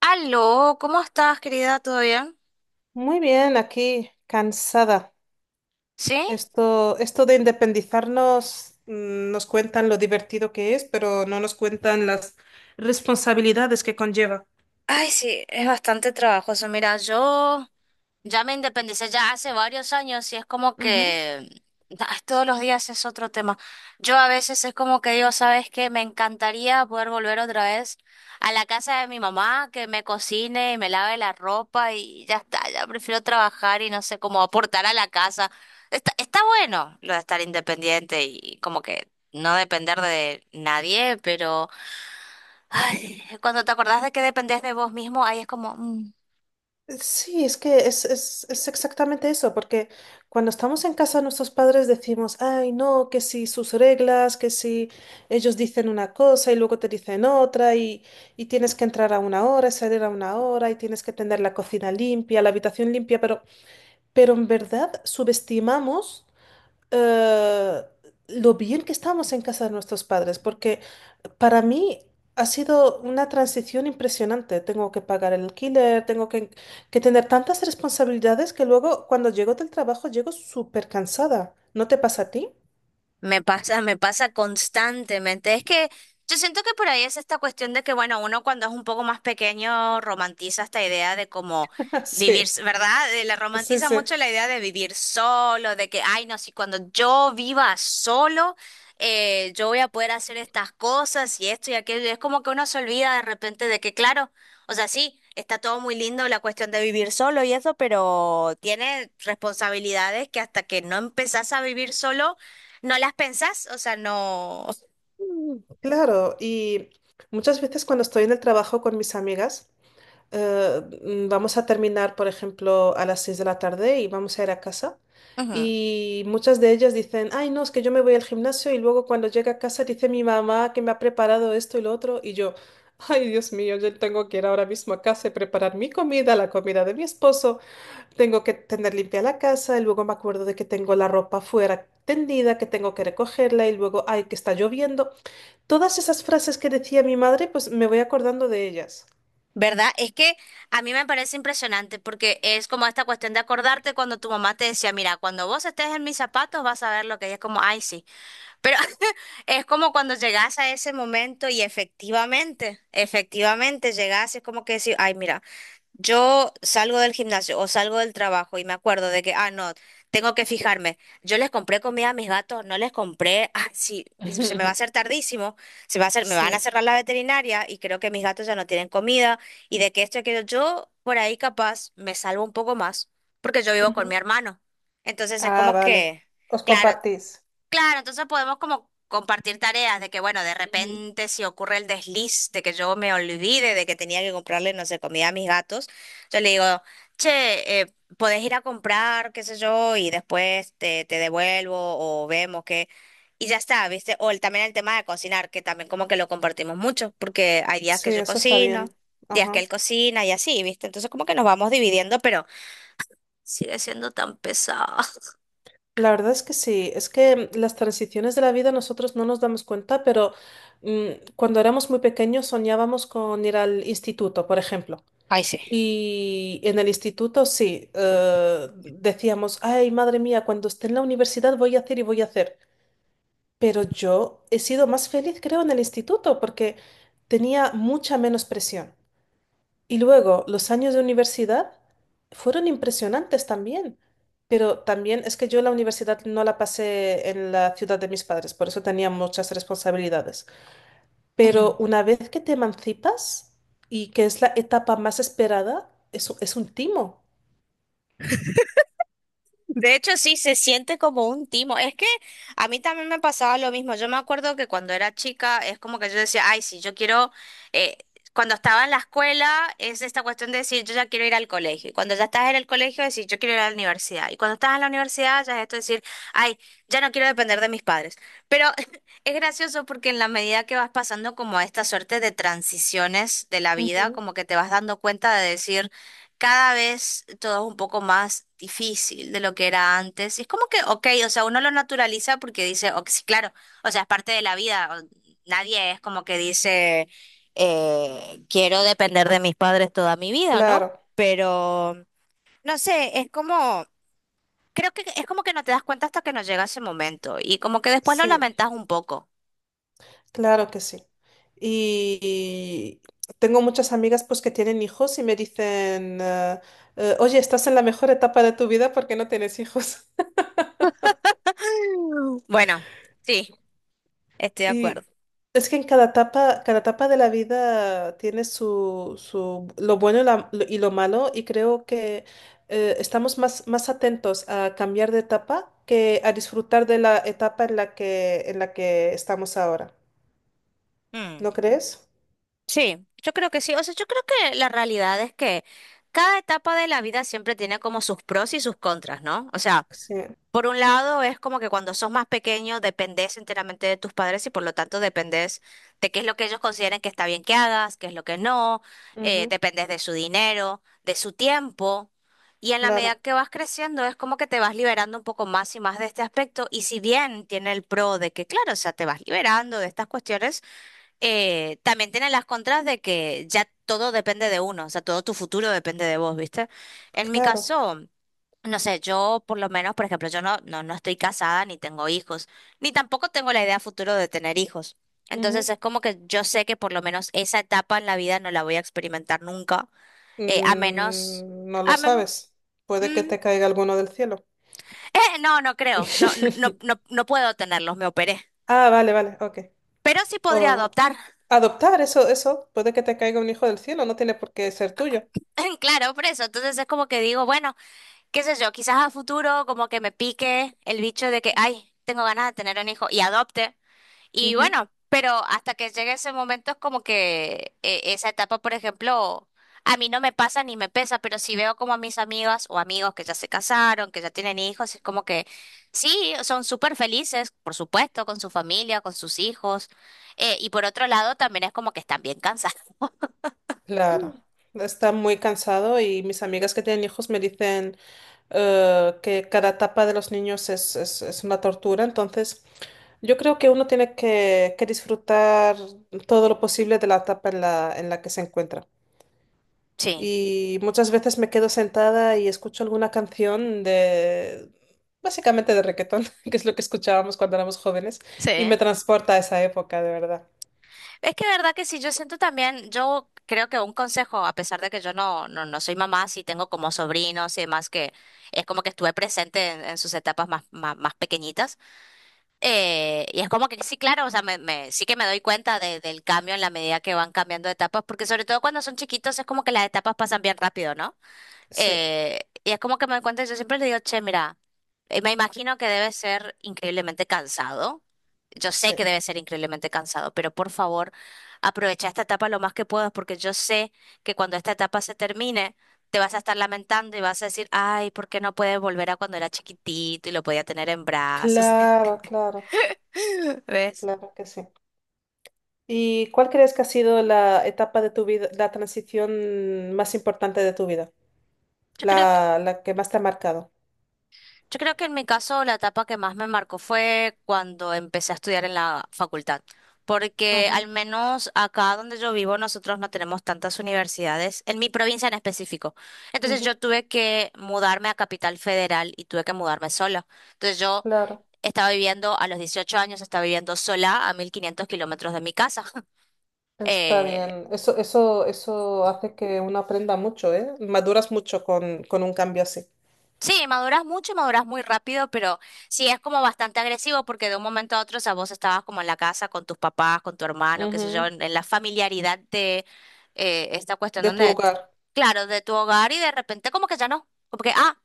Aló, ¿cómo estás, querida? ¿Todo bien? Muy bien, aquí cansada. ¿Sí? Esto de independizarnos nos cuentan lo divertido que es, pero no nos cuentan las responsabilidades que conlleva. Ay, sí, es bastante trabajoso. Mira, yo ya me independicé ya hace varios años y es como Ujú. que ay, todos los días es otro tema. Yo a veces es como que digo, ¿sabes qué? Me encantaría poder volver otra vez a la casa de mi mamá, que me cocine y me lave la ropa y ya está. Ya prefiero trabajar y no sé cómo aportar a la casa. Está bueno lo de estar independiente y como que no depender de nadie, pero... Ay, cuando te acordás de que dependés de vos mismo, ahí es como. Sí, es que es exactamente eso, porque cuando estamos en casa nuestros padres decimos, ay, no, que si sus reglas, que si ellos dicen una cosa y luego te dicen otra y tienes que entrar a una hora y salir a una hora y tienes que tener la cocina limpia, la habitación limpia, pero... Pero en verdad subestimamos eh, lo bien que estamos en casa de nuestros padres, porque para mí ha sido una transición impresionante. Tengo que pagar el alquiler, tengo que tener tantas responsabilidades que luego cuando llego del trabajo llego súper cansada. ¿No te pasa a ti? Me pasa constantemente. Es que yo siento que por ahí es esta cuestión de que, bueno, uno cuando es un poco más pequeño romantiza esta idea de cómo vivir, Sí, ¿verdad? Le sí, romantiza sí. mucho la idea de vivir solo, de que, ay, no, si cuando yo viva solo, yo voy a poder hacer estas cosas y esto y aquello. Y es como que uno se olvida de repente de que, claro, o sea, sí, está todo muy lindo la cuestión de vivir solo y eso, pero tiene responsabilidades que hasta que no empezás a vivir solo, no las pensás, o sea, no. Mm. Claro, y muchas veces cuando estoy en el trabajo con mis amigas, vamos a terminar, por ejemplo, a las 6 de la tarde y vamos a ir a casa. Ajá. Y muchas de ellas dicen, ay, no, es que yo me voy al gimnasio y luego cuando llega a casa dice mi mamá que me ha preparado esto y lo otro. Y yo, ay, Dios mío, yo tengo que ir ahora mismo a casa y preparar mi comida, la comida de mi esposo. Tengo que tener limpia la casa y luego me acuerdo de que tengo la ropa fuera tendida, que tengo que recogerla y luego, ay, que está lloviendo. Todas esas frases que decía mi madre, pues me voy acordando de ellas. ¿Verdad? Es que a mí me parece impresionante porque es como esta cuestión de acordarte cuando tu mamá te decía, mira, cuando vos estés en mis zapatos vas a ver lo que ella es como, ay, sí. Pero es como cuando llegás a ese momento y efectivamente llegás, y es como que decís, ay, mira. Yo salgo del gimnasio o salgo del trabajo y me acuerdo de que, ah, no, tengo que fijarme. Yo les compré comida a mis gatos, no les compré, ah, sí, se me va a hacer tardísimo, se me va a hacer, me Sí. van a cerrar la veterinaria y creo que mis gatos ya no tienen comida y de que esto y aquello. Yo por ahí capaz me salvo un poco más porque yo vivo con Ujú. mi hermano. Entonces es Ah, como vale. que, Os claro. compartís. Claro, entonces podemos como compartir tareas de que, bueno, de Ujú. repente si ocurre el desliz de que yo me olvide de que tenía que comprarle, no sé, comida a mis gatos, yo le digo, che, podés ir a comprar, qué sé yo, y después te devuelvo o vemos qué. Y ya está, ¿viste? O el, también el tema de cocinar, que también como que lo compartimos mucho, porque hay días que Sí, yo eso está bien. cocino, días que Ajá. él cocina y así, ¿viste? Entonces como que nos vamos dividiendo, pero sigue siendo tan pesado. La verdad es que sí, es que las transiciones de la vida nosotros no nos damos cuenta, pero mm, cuando éramos muy pequeños soñábamos con ir al instituto, por ejemplo. Ay, sí. Y en el instituto sí, decíamos, ay, madre mía, cuando esté en la universidad voy a hacer y voy a hacer. Pero yo he sido más feliz, creo, en el instituto porque tenía mucha menos presión. Y luego, los años de universidad fueron impresionantes también, pero también es que yo la universidad no la pasé en la ciudad de mis padres, por eso tenía muchas responsabilidades. Pero una vez que te emancipas y que es la etapa más esperada, eso es un timo. De hecho, sí, se siente como un timo. Es que a mí también me pasaba lo mismo. Yo me acuerdo que cuando era chica es como que yo decía, ay, sí, yo quiero, eh, cuando estaba en la escuela es esta cuestión de decir, yo ya quiero ir al colegio. Y cuando ya estás en el colegio, decir, yo quiero ir a la universidad. Y cuando estás en la universidad, ya es esto de decir, ay, ya no quiero depender de mis padres. Pero es gracioso porque en la medida que vas pasando como esta suerte de transiciones de la vida, Ujú. como que te vas dando cuenta de decir cada vez todo es un poco más difícil de lo que era antes. Y es como que, ok, o sea, uno lo naturaliza porque dice, ok, sí, claro, o sea, es parte de la vida. Nadie es como que dice, quiero depender de mis padres toda mi vida, ¿no? Claro, Pero, no sé, es como, creo que es como que no te das cuenta hasta que no llega ese momento y como que después lo sí, lamentas un poco. claro que sí. Y tengo muchas amigas pues que tienen hijos y me dicen, oye, estás en la mejor etapa de tu vida porque no tienes hijos. Bueno, sí, estoy de acuerdo. Y es que en cada etapa de la vida tiene su lo bueno y lo y lo malo, y creo que estamos más atentos a cambiar de etapa que a disfrutar de la etapa en la en la que estamos ahora. Mm. ¿No crees? Sí, yo creo que sí. O sea, yo creo que la realidad es que cada etapa de la vida siempre tiene como sus pros y sus contras, ¿no? O sea, Sí. por un lado es como que cuando sos más pequeño dependés enteramente de tus padres y por lo tanto dependés de qué es lo que ellos consideren que está bien que hagas, qué es lo que no, Ujú. dependés de su dinero, de su tiempo. Y en la Claro, medida que vas creciendo es como que te vas liberando un poco más y más de este aspecto. Y si bien tiene el pro de que, claro, o sea, te vas liberando de estas cuestiones también tiene las contras de que ya todo depende de uno, o sea, todo tu futuro depende de vos, ¿viste? En mi claro. caso, no sé, yo por lo menos, por ejemplo, yo no estoy casada ni tengo hijos, ni tampoco tengo la idea futuro de tener hijos. Ujú. Entonces es como que yo sé que por lo menos esa etapa en la vida no la voy a experimentar nunca, a menos... Mm, no lo A men- sabes. Puede que mm, te caiga alguno del cielo. No, no creo, no, no, no, no puedo tenerlos, me operé. Ah, vale, vale, ok. Pero sí podría O adoptar, adoptar, eso, puede que te caiga un hijo del cielo, no tiene por qué ser tuyo. claro, por eso. Entonces es como que digo, bueno. Qué sé yo, quizás a futuro como que me pique el bicho de que, ay, tengo ganas de tener un hijo y adopte. Y Ujú. bueno, pero hasta que llegue ese momento es como que esa etapa, por ejemplo, a mí no me pasa ni me pesa, pero si veo como a mis amigas o amigos que ya se casaron, que ya tienen hijos, es como que sí, son súper felices, por supuesto, con su familia, con sus hijos. Y por otro lado, también es como que están bien cansados. Claro, está muy cansado y mis amigas que tienen hijos me dicen que cada etapa de los niños es una tortura, entonces yo creo que uno tiene que disfrutar todo lo posible de la etapa en la en la que se encuentra. Sí. Y muchas veces me quedo sentada y escucho alguna canción de, básicamente de reggaetón, que es lo que escuchábamos cuando éramos jóvenes, Sí. y me transporta a esa época, de verdad. Es que verdad que sí, yo siento también, yo creo que un consejo, a pesar de que yo no soy mamá, sí tengo como sobrinos y demás, que es como que estuve presente en sus etapas más, más, más pequeñitas. Y es como que sí, claro, o sea, sí que me doy cuenta del cambio en la medida que van cambiando de etapas, porque sobre todo cuando son chiquitos es como que las etapas pasan bien rápido, ¿no? Sí, Y es como que me cuenta, yo siempre le digo, che, mira, me imagino que debe ser increíblemente cansado. Yo sé sí. que debe ser increíblemente cansado, pero por favor, aprovecha esta etapa lo más que puedas, porque yo sé que cuando esta etapa se termine, te vas a estar lamentando y vas a decir, ay, ¿por qué no puedes volver a cuando era chiquitito y lo podía tener en brazos? Claro, claro, ¿Ves? claro que sí. ¿Y cuál crees que ha sido la etapa de tu vida, la transición más importante de tu vida? Yo creo La que más te ha marcado. Yo creo que en mi caso la etapa que más me marcó fue cuando empecé a estudiar en la facultad, porque Ajá. al menos acá donde yo vivo nosotros no tenemos tantas universidades, en mi provincia en específico. Entonces Ujú. yo tuve que mudarme a Capital Federal y tuve que mudarme sola. Entonces yo Claro, estaba viviendo a los 18 años, estaba viviendo sola a 1.500 kilómetros de mi casa. está bien. Eso hace que uno aprenda mucho, ¿eh? Maduras mucho con un cambio así. Sí, maduras mucho, maduras muy rápido, pero sí es como bastante agresivo porque de un momento a otro, o sea, vos estabas como en la casa con tus papás, con tu hermano, qué sé yo, Ujú, en la familiaridad de esta cuestión de tu donde, hogar. claro, de tu hogar y de repente como que ya no, como que, ah,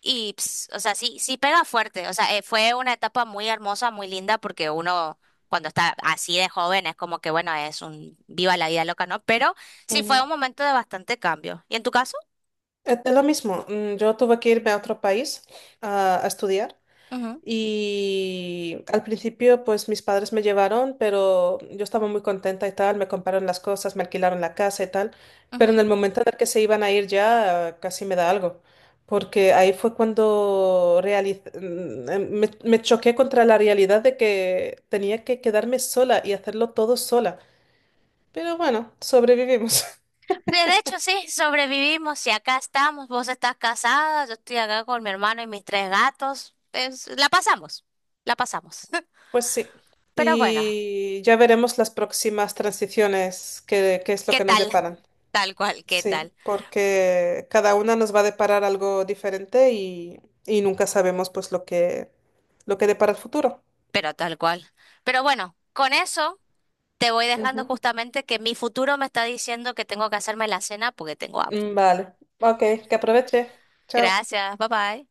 y, ps, o sea, sí, sí pega fuerte, o sea, fue una etapa muy hermosa, muy linda porque uno cuando está así de joven es como que, bueno, es un viva la vida loca, ¿no? Pero sí fue Ujú. un momento de bastante cambio. ¿Y en tu caso? Es lo mismo, yo tuve que irme a otro país a estudiar Ujú, y al principio pues mis padres me llevaron, pero yo estaba muy contenta y tal, me compraron las cosas, me alquilaron la casa y tal, pero en ujú. el momento en el que se iban a ir ya casi me da algo, porque ahí fue cuando me choqué contra la realidad de que tenía que quedarme sola y hacerlo todo sola, pero bueno, sobrevivimos. Sí, de hecho, sí, sobrevivimos y acá estamos. Vos estás casada, yo estoy acá con mi hermano y mis tres gatos. La pasamos, la pasamos. Pues sí, Pero bueno, y ya veremos las próximas transiciones, qué es lo ¿qué que nos tal? deparan. Tal cual, ¿qué Sí, tal? porque cada una nos va a deparar algo diferente y nunca sabemos pues lo lo que depara el futuro. Pero tal cual. Pero bueno, con eso te voy dejando Ujú. justamente que mi futuro me está diciendo que tengo que hacerme la cena porque tengo hambre. Mm, vale, ok, que aproveche. Chao. Gracias, bye bye.